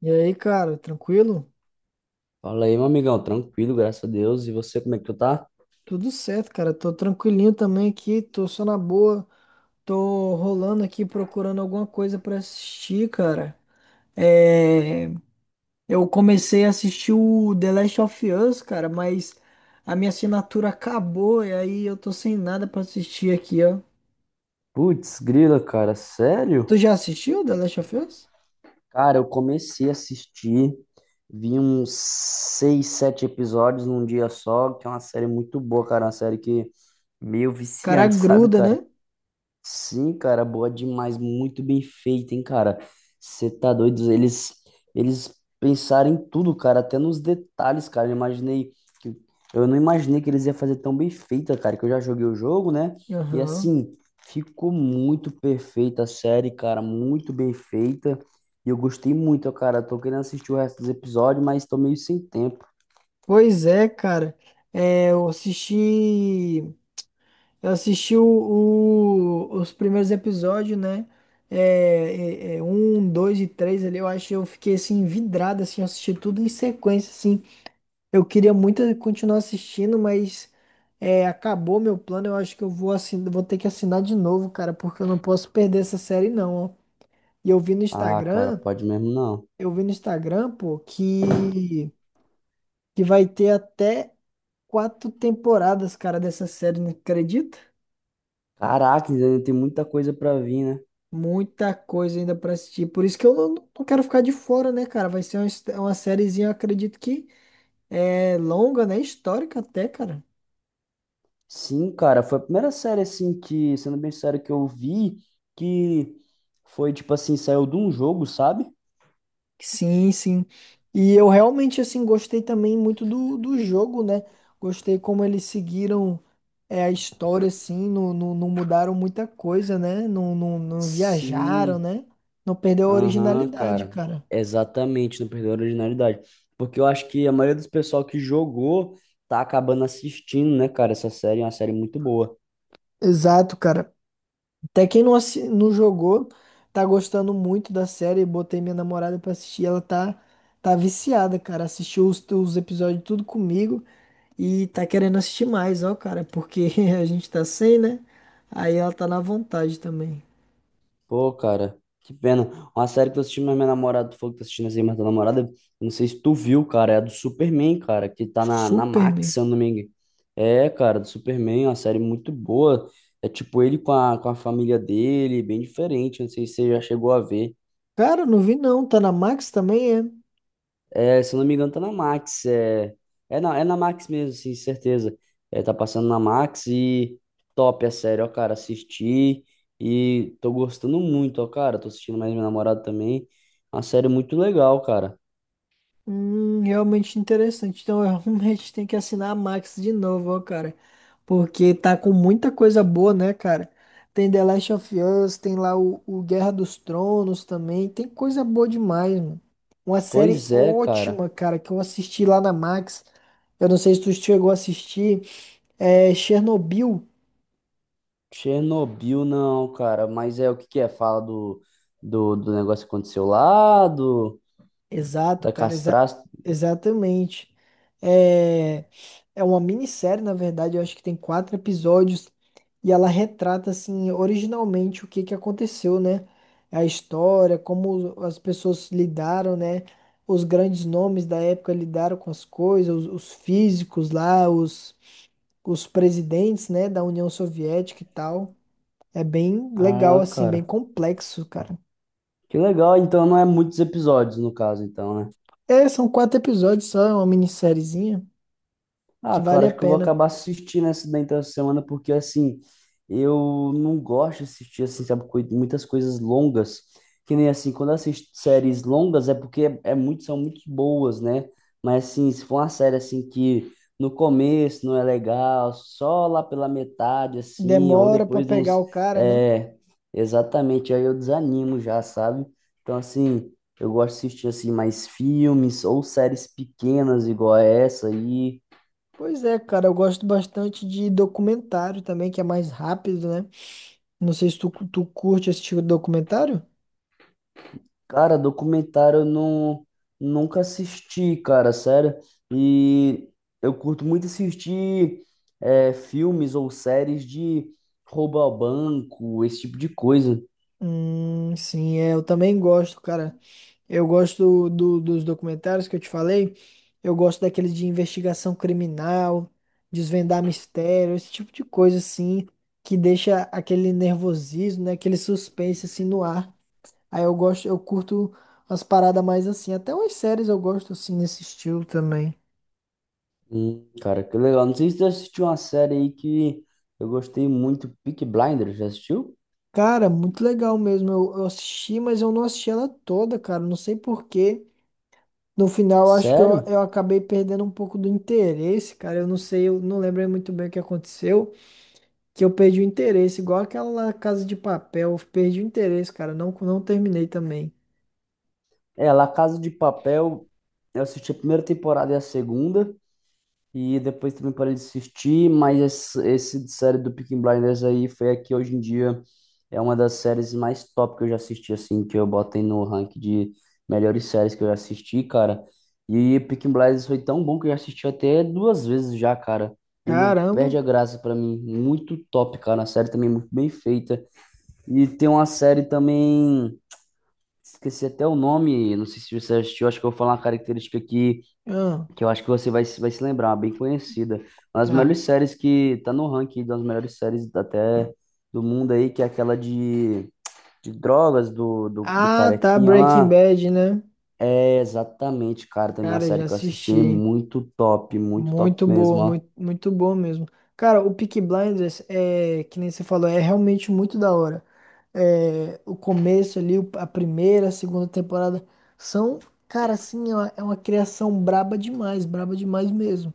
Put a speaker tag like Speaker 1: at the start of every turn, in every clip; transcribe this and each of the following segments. Speaker 1: E aí, cara, tranquilo?
Speaker 2: Fala aí, meu amigão, tranquilo, graças a Deus. E você, como é que tu tá?
Speaker 1: Tudo certo, cara. Tô tranquilinho também aqui, tô só na boa. Tô rolando aqui procurando alguma coisa pra assistir, cara. É... Eu comecei a assistir o The Last of Us, cara, mas a minha assinatura acabou e aí eu tô sem nada pra assistir aqui, ó.
Speaker 2: Putz, grila, cara,
Speaker 1: Tu
Speaker 2: sério?
Speaker 1: já assistiu The Last of Us?
Speaker 2: Cara, eu comecei a assistir, vi uns seis, sete episódios num dia só, que é uma série muito boa, cara, uma série que meio
Speaker 1: Cara,
Speaker 2: viciante, sabe,
Speaker 1: gruda,
Speaker 2: cara?
Speaker 1: né?
Speaker 2: Sim, cara, boa demais, muito bem feita, hein, cara. Você tá doido? Eles pensaram em tudo, cara, até nos detalhes, cara. Eu imaginei que, eu não imaginei que eles iam fazer tão bem feita, cara, que eu já joguei o jogo, né? E
Speaker 1: Aham.
Speaker 2: assim, ficou muito perfeita a série, cara, muito bem feita. E eu gostei muito, ó, cara. Tô querendo assistir o resto dos episódios, mas tô meio sem tempo.
Speaker 1: Pois é, cara. É, eu assisti. Eu assisti os primeiros episódios, né? É, um, dois e três ali, eu acho que eu fiquei assim, vidrado, assim, eu assisti tudo em sequência, assim. Eu queria muito continuar assistindo, mas acabou meu plano. Eu acho que eu vou ter que assinar de novo, cara, porque eu não posso perder essa série, não, ó. E eu vi no
Speaker 2: Ah, cara,
Speaker 1: Instagram,
Speaker 2: pode mesmo não.
Speaker 1: pô, que vai ter até quatro temporadas, cara, dessa série, não acredita?
Speaker 2: Caraca, ainda tem muita coisa pra vir, né?
Speaker 1: Muita coisa ainda pra assistir. Por isso que eu não quero ficar de fora, né, cara? Vai ser uma sériezinha, eu acredito que é longa, né? Histórica até, cara.
Speaker 2: Sim, cara, foi a primeira série assim que, sendo bem sério, que eu vi que foi tipo assim, saiu de um jogo, sabe?
Speaker 1: Sim, sim. E eu realmente, assim, gostei também muito do jogo, né? Gostei como eles seguiram a história, assim, não mudaram muita coisa, né? Não viajaram,
Speaker 2: Sim,
Speaker 1: né? Não perdeu a
Speaker 2: aham,
Speaker 1: originalidade,
Speaker 2: cara.
Speaker 1: cara.
Speaker 2: Exatamente, não perdeu a originalidade. Porque eu acho que a maioria dos pessoal que jogou tá acabando assistindo, né, cara? Essa série é uma série muito boa.
Speaker 1: Exato, cara. Até quem não jogou tá gostando muito da série. Botei minha namorada pra assistir. Ela tá viciada, cara. Assistiu os episódios tudo comigo e tá querendo assistir mais, ó, cara. Porque a gente tá sem, né? Aí ela tá na vontade também.
Speaker 2: Pô, cara, que pena. Uma série que eu assisti, mas minha namorada, tu falou que tá assistindo assim, mas tua namorada, eu não sei se tu viu, cara, é a do Superman, cara, que tá na Max,
Speaker 1: Superman.
Speaker 2: se eu não me engano. É, cara, do Superman, é uma série muito boa. É tipo ele com a família dele, bem diferente, não sei se você já chegou a ver.
Speaker 1: Cara, não vi não. Tá na Max também, é?
Speaker 2: É, se eu não me engano, tá na Max. É na Max mesmo, sim, certeza. É, tá passando na Max e top, é sério, ó, cara, assisti e tô gostando muito, ó, cara. Tô assistindo mais minha namorada também. Uma série muito legal, cara.
Speaker 1: Realmente interessante. Então, eu realmente tenho que assinar a Max de novo, ó, cara. Porque tá com muita coisa boa, né, cara? Tem The Last of Us, tem lá o Guerra dos Tronos também. Tem coisa boa demais, mano. Uma série
Speaker 2: Pois é, cara.
Speaker 1: ótima, cara, que eu assisti lá na Max. Eu não sei se tu chegou a assistir. É Chernobyl.
Speaker 2: Chernobyl não, cara, mas é o que que é? Fala do negócio que aconteceu lá,
Speaker 1: Exato,
Speaker 2: da
Speaker 1: cara, exa
Speaker 2: castração.
Speaker 1: exatamente. É, é, uma minissérie, na verdade, eu acho que tem quatro episódios e ela retrata, assim, originalmente o que que aconteceu, né? A história, como as pessoas lidaram, né? Os grandes nomes da época lidaram com as coisas, os físicos lá, os presidentes, né, da União Soviética e tal. É bem legal,
Speaker 2: Ah,
Speaker 1: assim, bem
Speaker 2: cara.
Speaker 1: complexo, cara.
Speaker 2: Que legal, então não é muitos episódios no caso, então, né?
Speaker 1: É, são quatro episódios só, é uma minissériezinha.
Speaker 2: Ah,
Speaker 1: Que vale
Speaker 2: cara, acho
Speaker 1: a
Speaker 2: que eu vou
Speaker 1: pena.
Speaker 2: acabar assistindo essa da então essa semana, porque assim, eu não gosto de assistir, assim, sabe, muitas coisas longas, que nem assim, quando eu assisto séries longas é porque é muito, são muito boas, né? Mas assim, se for uma série assim que no começo não é legal, só lá pela metade, assim, ou
Speaker 1: Demora pra
Speaker 2: depois de
Speaker 1: pegar
Speaker 2: uns,
Speaker 1: o cara, né?
Speaker 2: é, exatamente, aí eu desanimo já, sabe? Então assim, eu gosto de assistir assim mais filmes ou séries pequenas igual a essa aí.
Speaker 1: Pois é, cara, eu gosto bastante de documentário também, que é mais rápido, né? Não sei se tu, tu curte esse tipo de documentário?
Speaker 2: Cara, documentário eu não, nunca assisti, cara, sério. E eu curto muito assistir filmes ou séries de roubo ao banco, esse tipo de coisa.
Speaker 1: Sim, é, eu também gosto, cara. Eu gosto dos documentários que eu te falei. Eu gosto daqueles de investigação criminal, desvendar mistério, esse tipo de coisa, assim, que deixa aquele nervosismo, né? Aquele suspense, assim, no ar. Aí eu gosto, eu curto umas paradas mais assim. Até umas séries eu gosto assim nesse estilo também.
Speaker 2: Cara, que legal. Não sei se você assistiu uma série aí que eu gostei muito, Peaky Blinders, já assistiu?
Speaker 1: Cara, muito legal mesmo. Eu assisti, mas eu não assisti ela toda, cara. Não sei por quê. No final, eu acho que eu,
Speaker 2: Sério?
Speaker 1: eu acabei perdendo um pouco do interesse, cara. Eu não sei, eu não lembro muito bem o que aconteceu, que eu perdi o interesse, igual aquela lá, Casa de Papel. Eu perdi o interesse, cara. Não terminei também.
Speaker 2: É, La Casa de Papel, eu assisti a primeira temporada e a segunda. E depois também parei de assistir, mas esse de série do Peaky Blinders aí foi a que hoje em dia é uma das séries mais top que eu já assisti, assim, que eu botei no ranking de melhores séries que eu já assisti, cara. E Peaky Blinders foi tão bom que eu já assisti até duas vezes já, cara. E não
Speaker 1: Caramba.
Speaker 2: perde a graça pra mim. Muito top, cara. A série também é muito bem feita. E tem uma série também, esqueci até o nome, não sei se você assistiu, acho que eu vou falar uma característica aqui
Speaker 1: Ah,
Speaker 2: que eu acho que você vai, vai se lembrar, bem conhecida. Uma das melhores
Speaker 1: tá.
Speaker 2: séries que tá no ranking das melhores séries até do mundo aí, que é aquela de, drogas do
Speaker 1: Ah, tá.
Speaker 2: carequinha
Speaker 1: Breaking
Speaker 2: lá.
Speaker 1: Bad, né?
Speaker 2: É, exatamente, cara, também é uma
Speaker 1: Cara, eu já
Speaker 2: série que eu assisti,
Speaker 1: assisti.
Speaker 2: muito top
Speaker 1: Muito boa,
Speaker 2: mesmo, ó.
Speaker 1: muito, muito bom mesmo. Cara, o Peaky Blinders é, que nem você falou, é realmente muito da hora. É, o começo ali, a primeira, a segunda temporada são, cara, assim, é uma criação braba demais mesmo.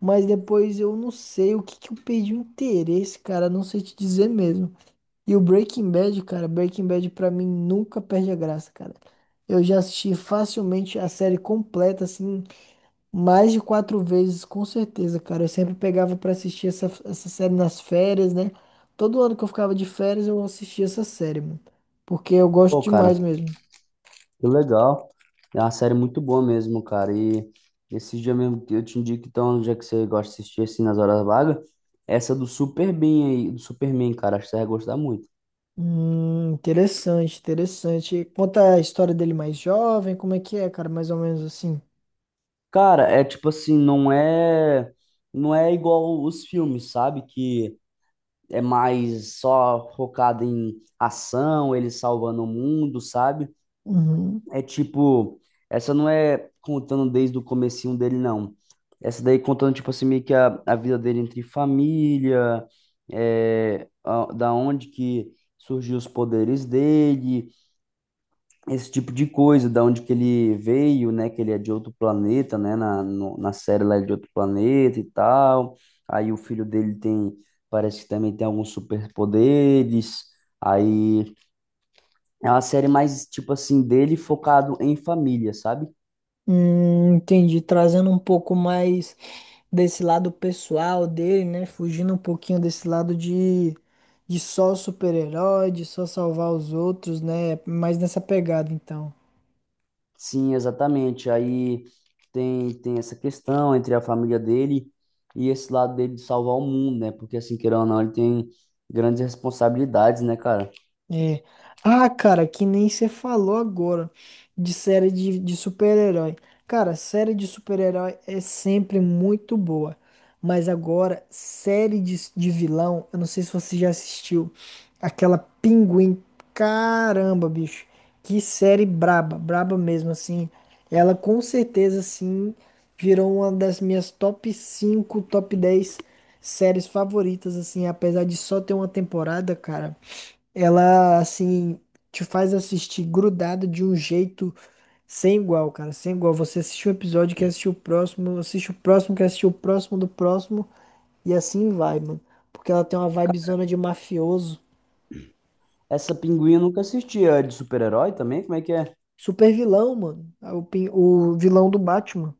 Speaker 1: Mas depois eu não sei o que que eu perdi o interesse, cara, não sei te dizer mesmo. E o Breaking Bad, cara, Breaking Bad pra mim nunca perde a graça, cara. Eu já assisti facilmente a série completa, assim. Mais de quatro vezes, com certeza, cara. Eu sempre pegava pra assistir essa série nas férias, né? Todo ano que eu ficava de férias, eu assistia essa série, mano. Porque eu gosto
Speaker 2: Pô, cara,
Speaker 1: demais mesmo.
Speaker 2: que legal. É uma série muito boa mesmo, cara, e esses dias mesmo, eu te indico, então, já que você gosta de assistir assim nas horas vagas, essa do Superman aí, do Superman, cara, acho que você vai gostar muito.
Speaker 1: Interessante, interessante. Conta a história dele mais jovem, como é que é, cara? Mais ou menos assim.
Speaker 2: Cara, é tipo assim, não é não é igual os filmes, sabe? Que é mais só focado em ação, eles salvando o mundo, sabe?
Speaker 1: Uhum.
Speaker 2: É tipo, essa não é contando desde o comecinho dele, não. Essa daí contando, tipo assim, meio que a vida dele entre família, da onde que surgiu os poderes dele, esse tipo de coisa, da onde que ele veio, né, que ele é de outro planeta, né, na, na série lá ele é de outro planeta e tal, aí o filho dele tem, parece que também tem alguns superpoderes, aí é uma série mais, tipo assim, dele focado em família, sabe?
Speaker 1: Entendi. Trazendo um pouco mais desse lado pessoal dele, né? Fugindo um pouquinho desse lado de só super-herói, de só salvar os outros, né? Mais nessa pegada, então.
Speaker 2: Sim, exatamente, aí tem essa questão entre a família dele e esse lado dele de salvar o mundo, né, porque assim, querendo ou não, ele tem grandes responsabilidades, né, cara?
Speaker 1: É. Ah, cara, que nem você falou agora de série de super-herói. Cara, série de super-herói é sempre muito boa. Mas agora, série de vilão, eu não sei se você já assistiu aquela Pinguim. Caramba, bicho. Que série braba, braba mesmo, assim. Ela com certeza, assim, virou uma das minhas top 5 top 10 séries favoritas, assim. Apesar de só ter uma temporada, cara. Ela, assim, te faz assistir grudado de um jeito sem igual, cara. Sem igual. Você assiste um episódio, quer assistir o próximo, assiste o próximo, quer assistir o próximo do próximo, e assim vai, mano. Porque ela tem uma vibezona de mafioso.
Speaker 2: Essa Pinguim eu nunca assisti. É de super-herói também? Como é que é?
Speaker 1: Super vilão, mano. É o vilão do Batman.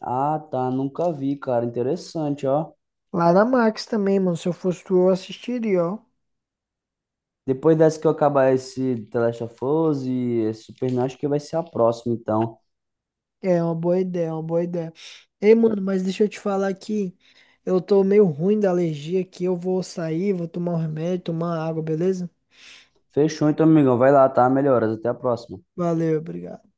Speaker 2: Ah, tá. Nunca vi, cara. Interessante, ó.
Speaker 1: Lá na Max também, mano. Se eu fosse tu, eu assistiria, ó.
Speaker 2: Depois dessa que eu acabar esse The Last of Us e esse Superman, acho que vai ser a próxima, então.
Speaker 1: É uma boa ideia, é uma boa ideia. Ei, mano, mas deixa eu te falar aqui. Eu tô meio ruim da alergia aqui. Eu vou sair, vou tomar um remédio, tomar água, beleza?
Speaker 2: Fechou, então, amigão. Vai lá, tá? Melhoras. Até a próxima.
Speaker 1: Valeu, obrigado.